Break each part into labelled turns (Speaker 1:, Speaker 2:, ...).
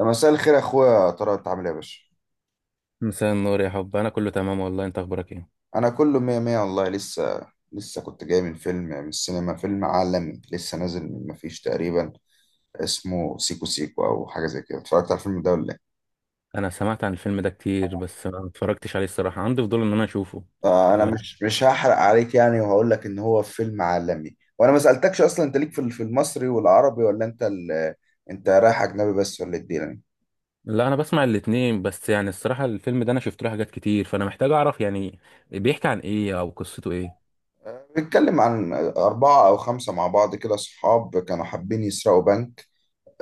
Speaker 1: مساء الخير يا اخويا، ترى انت عامل ايه يا باشا؟
Speaker 2: مساء النور يا حب، انا كله تمام والله. انت اخبارك ايه؟
Speaker 1: انا كله مية مية والله. لسه كنت جاي من فيلم، يعني من السينما، فيلم عالمي لسه نازل من مفيش تقريبا. اسمه سيكو سيكو او حاجه زي كده. اتفرجت على الفيلم ده ولا ايه؟
Speaker 2: انا سمعت عن الفيلم ده كتير، بس ما اتفرجتش عليه الصراحه. عندي فضول ان انا اشوفه.
Speaker 1: آه، انا
Speaker 2: ما-
Speaker 1: مش هحرق عليك يعني، وهقول لك ان هو فيلم عالمي. وانا ما سالتكش اصلا، انت ليك في في المصري والعربي، ولا انت انت رايح اجنبي بس، ولا ايه الدنيا يعني؟
Speaker 2: لا انا بسمع الاتنين، بس يعني الصراحه الفيلم ده انا شفت له حاجات كتير، فانا محتاج اعرف يعني بيحكي عن ايه او قصته ايه.
Speaker 1: آه، بيتكلم عن أربعة أو خمسة مع بعض كده صحاب كانوا حابين يسرقوا بنك.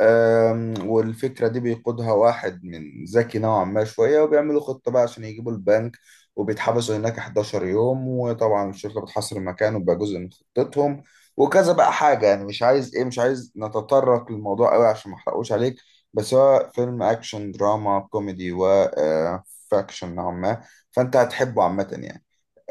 Speaker 1: والفكرة دي بيقودها واحد من ذكي نوعا ما شوية، وبيعملوا خطة بقى عشان يجيبوا البنك، وبيتحبسوا هناك 11 يوم، وطبعا الشرطة بتحاصر مكانه، وبقى جزء من خطتهم وكذا بقى حاجة. يعني مش عايز ايه، مش عايز نتطرق للموضوع قوي عشان ما احرقوش عليك. بس هو فيلم اكشن دراما كوميدي و فاكشن نوعا ما، فانت هتحبه عامة يعني.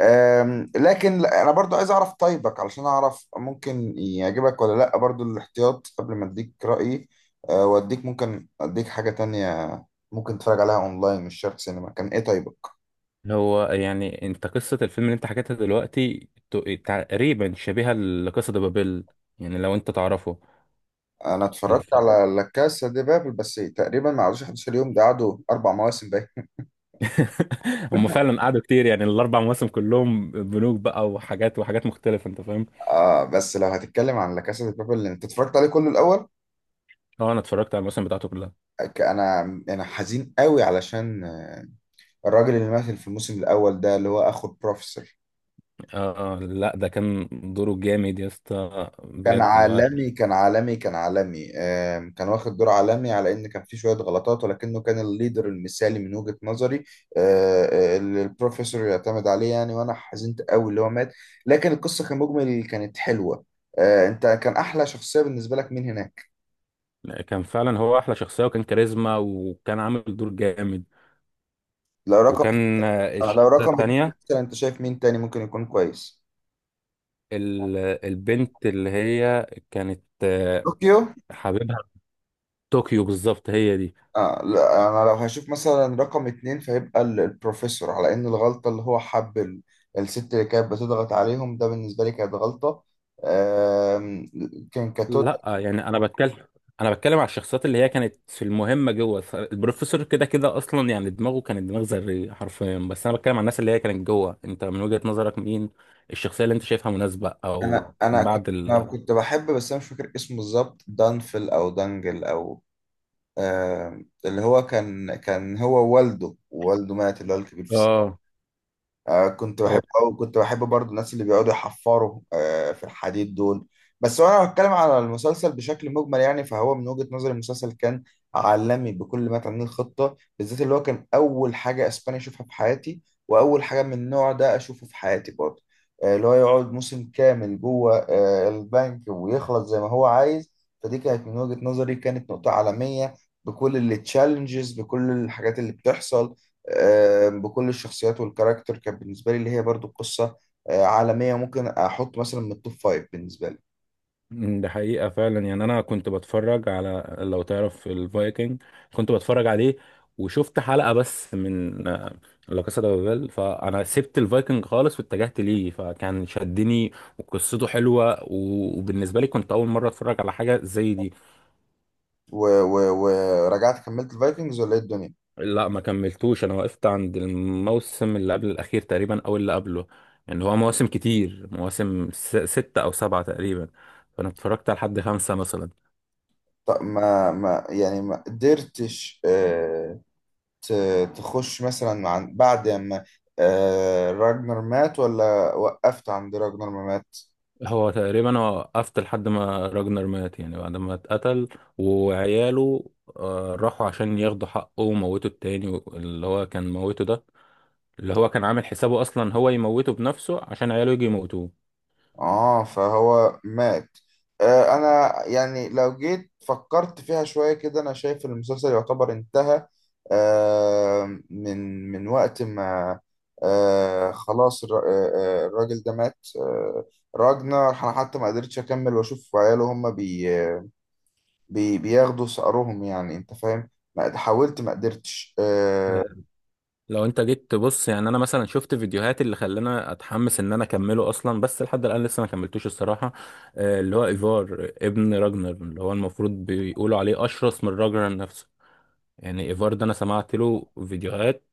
Speaker 1: لكن انا برضو عايز اعرف طيبك علشان اعرف ممكن يعجبك ولا لا، برضو الاحتياط قبل ما اديك رأيي. واديك، ممكن اديك حاجة تانية، ممكن تتفرج عليها اونلاين مش شرط سينما. كان ايه طيبك؟
Speaker 2: هو يعني انت قصه الفيلم اللي انت حكيتها دلوقتي تقريبا شبيهه لقصه بابل، يعني لو انت تعرفه.
Speaker 1: انا اتفرجت
Speaker 2: الف-
Speaker 1: على لا كاسا دي بابل، بس تقريبا ما قعدوش 11 يوم، ده قعدوا اربع مواسم باين.
Speaker 2: هم فعلا قعدوا كتير، يعني ال4 مواسم كلهم بنوك بقى وحاجات وحاجات مختلفه، انت فاهم.
Speaker 1: اه، بس لو هتتكلم عن لا كاسا دي بابل اللي انت اتفرجت عليه كله الاول.
Speaker 2: اه، انا اتفرجت على المواسم بتاعته كلها.
Speaker 1: ك- انا انا حزين قوي علشان الراجل اللي مثل في الموسم الاول ده اللي هو اخو البروفيسور،
Speaker 2: اه، لا ده كان دوره جامد يا اسطى
Speaker 1: كان
Speaker 2: بجد اللي هو.
Speaker 1: عالمي، كان عالمي، كان عالمي. كان واخد دور عالمي، على ان كان في شويه غلطات، ولكنه كان الليدر المثالي من وجهه نظري. اللي البروفيسور يعتمد عليه يعني. وانا حزنت قوي اللي هو مات، لكن القصه كمجمل كانت حلوه. آه، انت كان احلى شخصيه بالنسبه لك مين هناك؟
Speaker 2: كان فعلا هو احلى شخصيه وكان كاريزما وكان عامل دور جامد،
Speaker 1: لو رقم،
Speaker 2: وكان الشخصيه
Speaker 1: لو رقم اتنين
Speaker 2: التانيه،
Speaker 1: مثلا، انت شايف مين تاني ممكن يكون كويس؟
Speaker 2: ال- البنت اللي هي كانت
Speaker 1: طوكيو؟
Speaker 2: حبيبها في طوكيو، بالظبط هي دي.
Speaker 1: آه، لا، انا لو هشوف مثلا رقم اتنين فيبقى البروفيسور، على ان الغلطة اللي هو حب الست اللي كانت بتضغط عليهم، ده بالنسبة لي كانت غلطة. آم، كان كتوت.
Speaker 2: لا يعني انا بتكلم على الشخصيات اللي هي كانت في المهمه، جوه البروفيسور كده كده اصلا، يعني دماغه كانت دماغ ذريه حرفيا، بس انا بتكلم على الناس اللي هي كانت جوه. انت من وجهه نظرك مين الشخصيه اللي انت شايفها مناسبه او
Speaker 1: انا انا كنت
Speaker 2: بعد؟
Speaker 1: انا كنت بحب، بس انا مش فاكر اسمه بالظبط، دانفل او دانجل او، اللي هو كان هو والده مات، اللي هو الكبير في،
Speaker 2: اه،
Speaker 1: كنت
Speaker 2: هو.
Speaker 1: بحب، أو كنت بحب برضو الناس اللي بيقعدوا يحفروا في الحديد دول بس. وانا بتكلم على المسلسل بشكل مجمل، يعني فهو من وجهة نظري المسلسل كان عالمي بكل ما تعنيه. الخطة بالذات اللي هو كان اول حاجة اسباني اشوفها في حياتي، واول حاجة من النوع ده اشوفه في حياتي برضو، اللي هو يقعد موسم كامل جوه البنك ويخلص زي ما هو عايز. فدي كانت من وجهة نظري كانت نقطة عالمية، بكل التشالنجز، بكل الحاجات اللي بتحصل، بكل الشخصيات والكاركتر. كانت بالنسبة لي اللي هي برضو قصة عالمية، ممكن أحط مثلا من التوب فايف بالنسبة لي.
Speaker 2: ده حقيقة فعلا، يعني انا كنت بتفرج على، لو تعرف الفايكنج، كنت بتفرج عليه. وشفت حلقة بس من لا كاسا دي بابيل، فانا سبت الفايكنج خالص واتجهت ليه، فكان شدني وقصته حلوة، وبالنسبة لي كنت اول مرة اتفرج على حاجة زي دي.
Speaker 1: ورجعت كملت الفايكنجز ولا إيه الدنيا؟
Speaker 2: لا، ما كملتوش، انا وقفت عند الموسم اللي قبل الاخير تقريبا او اللي قبله. يعني هو مواسم كتير، مواسم 6 او 7 تقريبا، فانا اتفرجت على لحد 5 مثلا.
Speaker 1: طب ما يعني ما قدرتش تخش مثلا عن بعد ما راجنر مات، ولا وقفت عند راجنر ما مات؟
Speaker 2: هو تقريبا أنا وقفت لحد ما راجنر مات، يعني بعد ما اتقتل وعياله راحوا عشان ياخدوا حقه وموتوا. التاني اللي هو كان موته ده، اللي هو كان عامل حسابه اصلا هو يموته بنفسه عشان عياله يجي يموتوه.
Speaker 1: اه، فهو مات. آه، انا يعني لو جيت فكرت فيها شوية كده، انا شايف المسلسل يعتبر انتهى آه من وقت ما آه، خلاص الراجل ده مات، آه. راجنر، انا حتى ما قدرتش اكمل واشوف عياله هما بي بياخدوا ثأرهم، يعني انت فاهم، ما حاولت، ما قدرتش آه.
Speaker 2: لو انت جيت تبص، يعني انا مثلا شفت فيديوهات اللي خلاني اتحمس ان انا اكمله اصلا، بس لحد الان لسه ما كملتوش الصراحه. اللي هو ايفار ابن راجنر، اللي هو المفروض بيقولوا عليه اشرس من راجنر نفسه. يعني ايفار ده انا سمعت له فيديوهات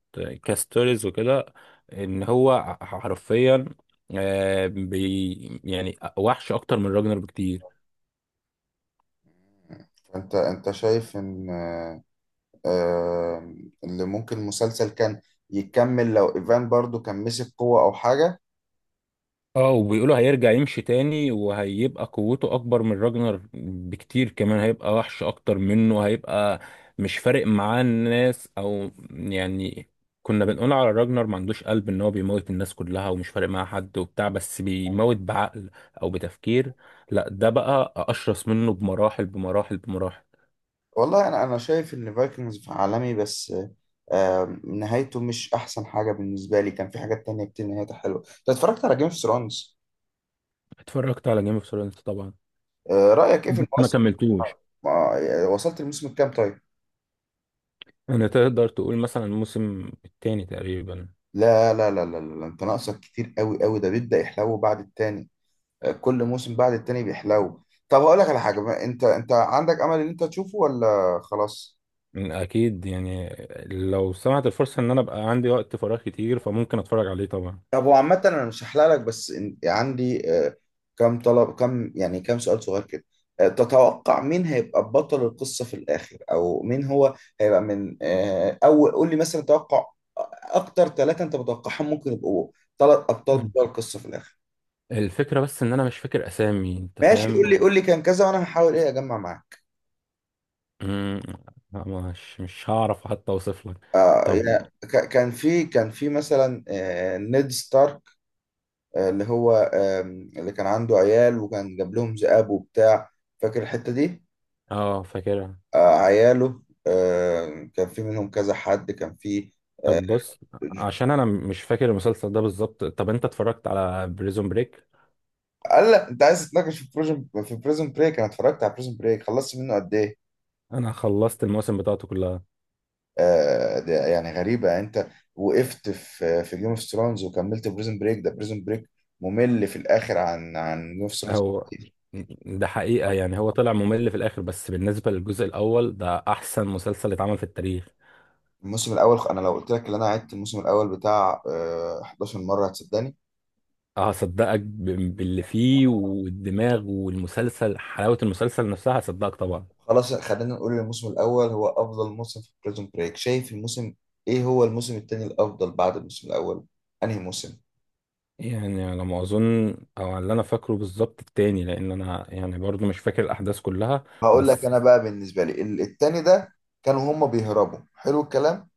Speaker 2: كاستوريز وكده، ان هو حرفيا آه، بي يعني وحش اكتر من راجنر بكتير.
Speaker 1: انت شايف ان آه، اللي ممكن المسلسل كان يكمل لو ايفان برضو كان مسك قوة او حاجة؟
Speaker 2: اه، وبيقولوا هيرجع يمشي تاني وهيبقى قوته اكبر من راجنر بكتير كمان، هيبقى وحش اكتر منه، هيبقى مش فارق معاه الناس. او يعني كنا بنقول على راجنر ما عندوش قلب، ان هو بيموت الناس كلها ومش فارق معاه حد وبتاع، بس بيموت بعقل او بتفكير. لا ده بقى اشرس منه بمراحل بمراحل بمراحل.
Speaker 1: والله انا شايف ان فايكنجز عالمي، بس نهايته مش احسن حاجة بالنسبة لي. كان في حاجات تانية كتير نهايتها حلوة. انت اتفرجت على جيم اوف ثرونز؟
Speaker 2: اتفرجت على جيم اوف ثرونز طبعا،
Speaker 1: رأيك ايه في
Speaker 2: بس ما
Speaker 1: الموسم؟
Speaker 2: كملتوش.
Speaker 1: وصلت الموسم الكام طيب؟
Speaker 2: انا تقدر تقول مثلا الموسم التاني تقريبا.
Speaker 1: لا لا لا لا لا، انت ناقصك كتير قوي قوي. ده بيبدأ يحلو بعد التاني، كل موسم بعد التاني بيحلو. طب هقول لك على حاجة بقى، انت عندك امل ان انت تشوفه ولا خلاص؟
Speaker 2: اكيد يعني، لو سمعت الفرصه ان انا ابقى عندي وقت فراغ كتير فممكن اتفرج عليه طبعا.
Speaker 1: طب هو عامة أنا مش هحلق لك، بس عندي كم طلب، كم يعني كم سؤال صغير كده. تتوقع مين هيبقى بطل القصة في الآخر، أو مين هو هيبقى من أول؟ قول لي مثلا توقع أكتر ثلاثة أنت متوقعهم ممكن يبقوا، ثلاث أبطال
Speaker 2: مم.
Speaker 1: بطل القصة في الآخر.
Speaker 2: الفكره بس ان انا مش فاكر اسامي، انت
Speaker 1: ماشي،
Speaker 2: فاهم.
Speaker 1: قول لي، قول لي كان كذا وأنا هحاول إيه أجمع معاك.
Speaker 2: مم، مش هعرف حتى اوصف لك.
Speaker 1: آه
Speaker 2: طب.
Speaker 1: يعني كان في مثلا نيد ستارك، اللي هو اللي كان عنده عيال وكان جاب لهم ذئاب وبتاع، فاكر الحتة دي؟
Speaker 2: اه، فاكرها.
Speaker 1: عياله، كان في منهم كذا حد، كان في.
Speaker 2: طب بص، عشان انا مش فاكر المسلسل ده بالظبط، طب انت اتفرجت على بريزون بريك؟
Speaker 1: قال لا، انت عايز تتناقش في بروجن، في بريزون بريك؟ انا اتفرجت على بريزون بريك، خلصت منه قد ايه؟
Speaker 2: انا خلصت المواسم بتاعته كلها.
Speaker 1: ده يعني غريبه، يعني انت وقفت في جيم اوف ثرونز وكملت بريزون بريك. ده بريزون بريك ممل في الاخر عن جيم اوف ثرونز
Speaker 2: هو
Speaker 1: كتير.
Speaker 2: ده حقيقه، يعني هو طلع ممل في الاخر، بس بالنسبه للجزء الاول ده احسن مسلسل اتعمل في التاريخ.
Speaker 1: الموسم الاول، انا لو قلت لك ان انا عدت الموسم الاول بتاع 11 مره هتصدقني؟
Speaker 2: هصدقك باللي فيه والدماغ والمسلسل، حلاوة المسلسل نفسها هصدقك طبعا.
Speaker 1: خلاص خلينا نقول الموسم الأول هو أفضل موسم في بريزون بريك. شايف الموسم، إيه هو الموسم التاني الأفضل بعد الموسم الأول؟ أنهي موسم؟
Speaker 2: يعني على ما اظن، او على اللي انا فاكره بالظبط التاني، لان انا يعني برضو مش فاكر الاحداث كلها
Speaker 1: هقول لك
Speaker 2: بس.
Speaker 1: أنا بقى، بالنسبة لي التاني ده كانوا هما بيهربوا، حلو الكلام،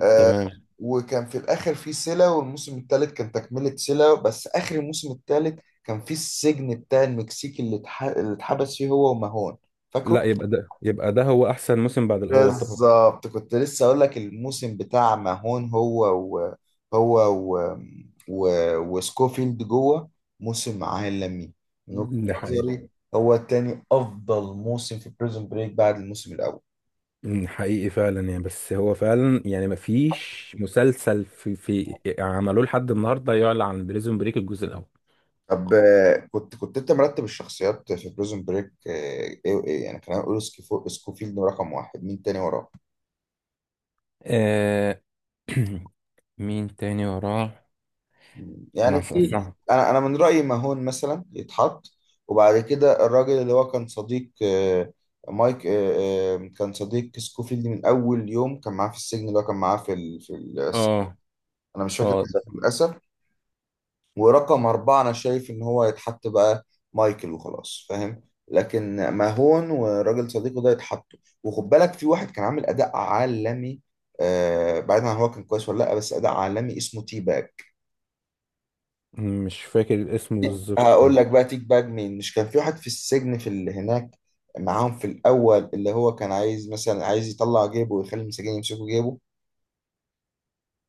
Speaker 1: آه.
Speaker 2: تمام.
Speaker 1: وكان في الآخر في سيلا، والموسم التالت كان تكملة سيلا، بس آخر الموسم التالت كان في السجن بتاع المكسيكي اللي اللي اتحبس فيه هو وماهون،
Speaker 2: لا،
Speaker 1: فاكره؟
Speaker 2: يبقى ده هو احسن موسم بعد الاول طبعا.
Speaker 1: بالظبط، كنت لسه اقول لك الموسم بتاع ماهون، هو و، هو و، و، وسكوفيلد جوه، موسم عالمي من وجهة
Speaker 2: ده حقيقي.
Speaker 1: نظري. هو التاني افضل موسم في بريزون بريك بعد الموسم الاول.
Speaker 2: ده حقيقي فعلا، يعني بس هو فعلا يعني ما فيش مسلسل في عملوه لحد النهارده يعلى عن بريزون بريك الجزء الاول.
Speaker 1: طب كنت انت مرتب الشخصيات في بريزون بريك ايه؟ ايه يعني، خلينا نقول سكوفيلد رقم واحد، مين تاني وراه؟
Speaker 2: آه... مين تاني وراه؟ انا
Speaker 1: يعني
Speaker 2: هسأل-
Speaker 1: انا من رايي ماهون مثلا يتحط، وبعد كده الراجل اللي هو كان صديق مايك، كان صديق سكوفيلد من اول يوم، كان معاه في السجن، اللي هو كان معاه في في
Speaker 2: اه،
Speaker 1: انا مش فاكر
Speaker 2: اه، ده
Speaker 1: اسمه للاسف. ورقم اربعه انا شايف ان هو يتحط بقى مايكل وخلاص، فاهم. لكن ماهون وراجل صديقه ده يتحطوا. وخد بالك في واحد كان عامل اداء عالمي، بعيدا عن هو كان كويس ولا لا، بس اداء عالمي، اسمه تيباج.
Speaker 2: مش فاكر الاسم بالظبط.
Speaker 1: هقول لك بقى تيك باك، مين مش كان في واحد في السجن في اللي هناك معاهم في الاول، اللي هو كان عايز مثلا، عايز يطلع جيبه ويخلي المساجين يمسكوا جيبه،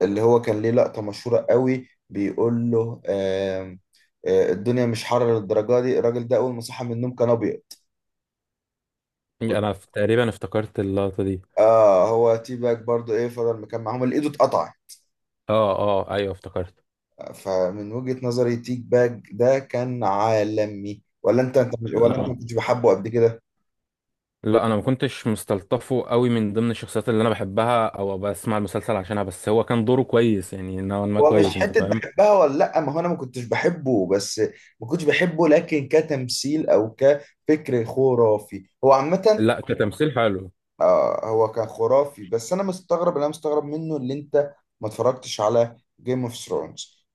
Speaker 1: اللي هو كان ليه لقطة مشهورة قوي بيقول له آم، آه، الدنيا مش حر للدرجة دي، الراجل ده اول ما صحى من النوم كان ابيض.
Speaker 2: يعني انا تقريبا افتكرت اللقطه دي.
Speaker 1: اه، هو تي باج برضو ايه، فضل مكان معاهم اللي ايده اتقطع.
Speaker 2: اه، اه، ايوه افتكرت.
Speaker 1: فمن وجهة نظري تيك باج ده كان عالمي، ولا انت مش، ولا انت ما
Speaker 2: لا،
Speaker 1: كنتش بحبه قبل كده؟
Speaker 2: لا، انا ما كنتش مستلطفه قوي من ضمن الشخصيات اللي انا بحبها او بسمع المسلسل عشانها، بس هو كان دوره كويس، يعني نوعا ما
Speaker 1: هو مش
Speaker 2: كويس، انت
Speaker 1: حتة
Speaker 2: فاهم.
Speaker 1: بحبها ولا لأ. ما هو أنا ما كنتش بحبه، بس ما كنتش بحبه، لكن كتمثيل أو كفكر خرافي هو عامة.
Speaker 2: لا، كتمثيل حلو.
Speaker 1: آه، هو كان خرافي، بس أنا مستغرب، اللي أنا مستغرب منه، اللي أنت ما اتفرجتش على جيم اوف ثرونز.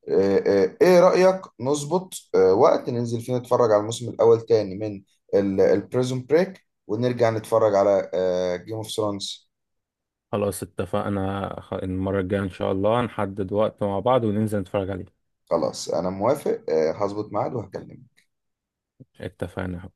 Speaker 1: إيه رأيك نظبط وقت ننزل فيه نتفرج على الموسم الأول تاني من البريزون بريك، ونرجع نتفرج على جيم اوف ثرونز؟
Speaker 2: خلاص اتفقنا، المره الجايه ان شاء الله نحدد وقت مع بعض وننزل نتفرج عليه.
Speaker 1: خلاص أنا موافق، آه هظبط ميعاد وهكلمك.
Speaker 2: اتفقنا.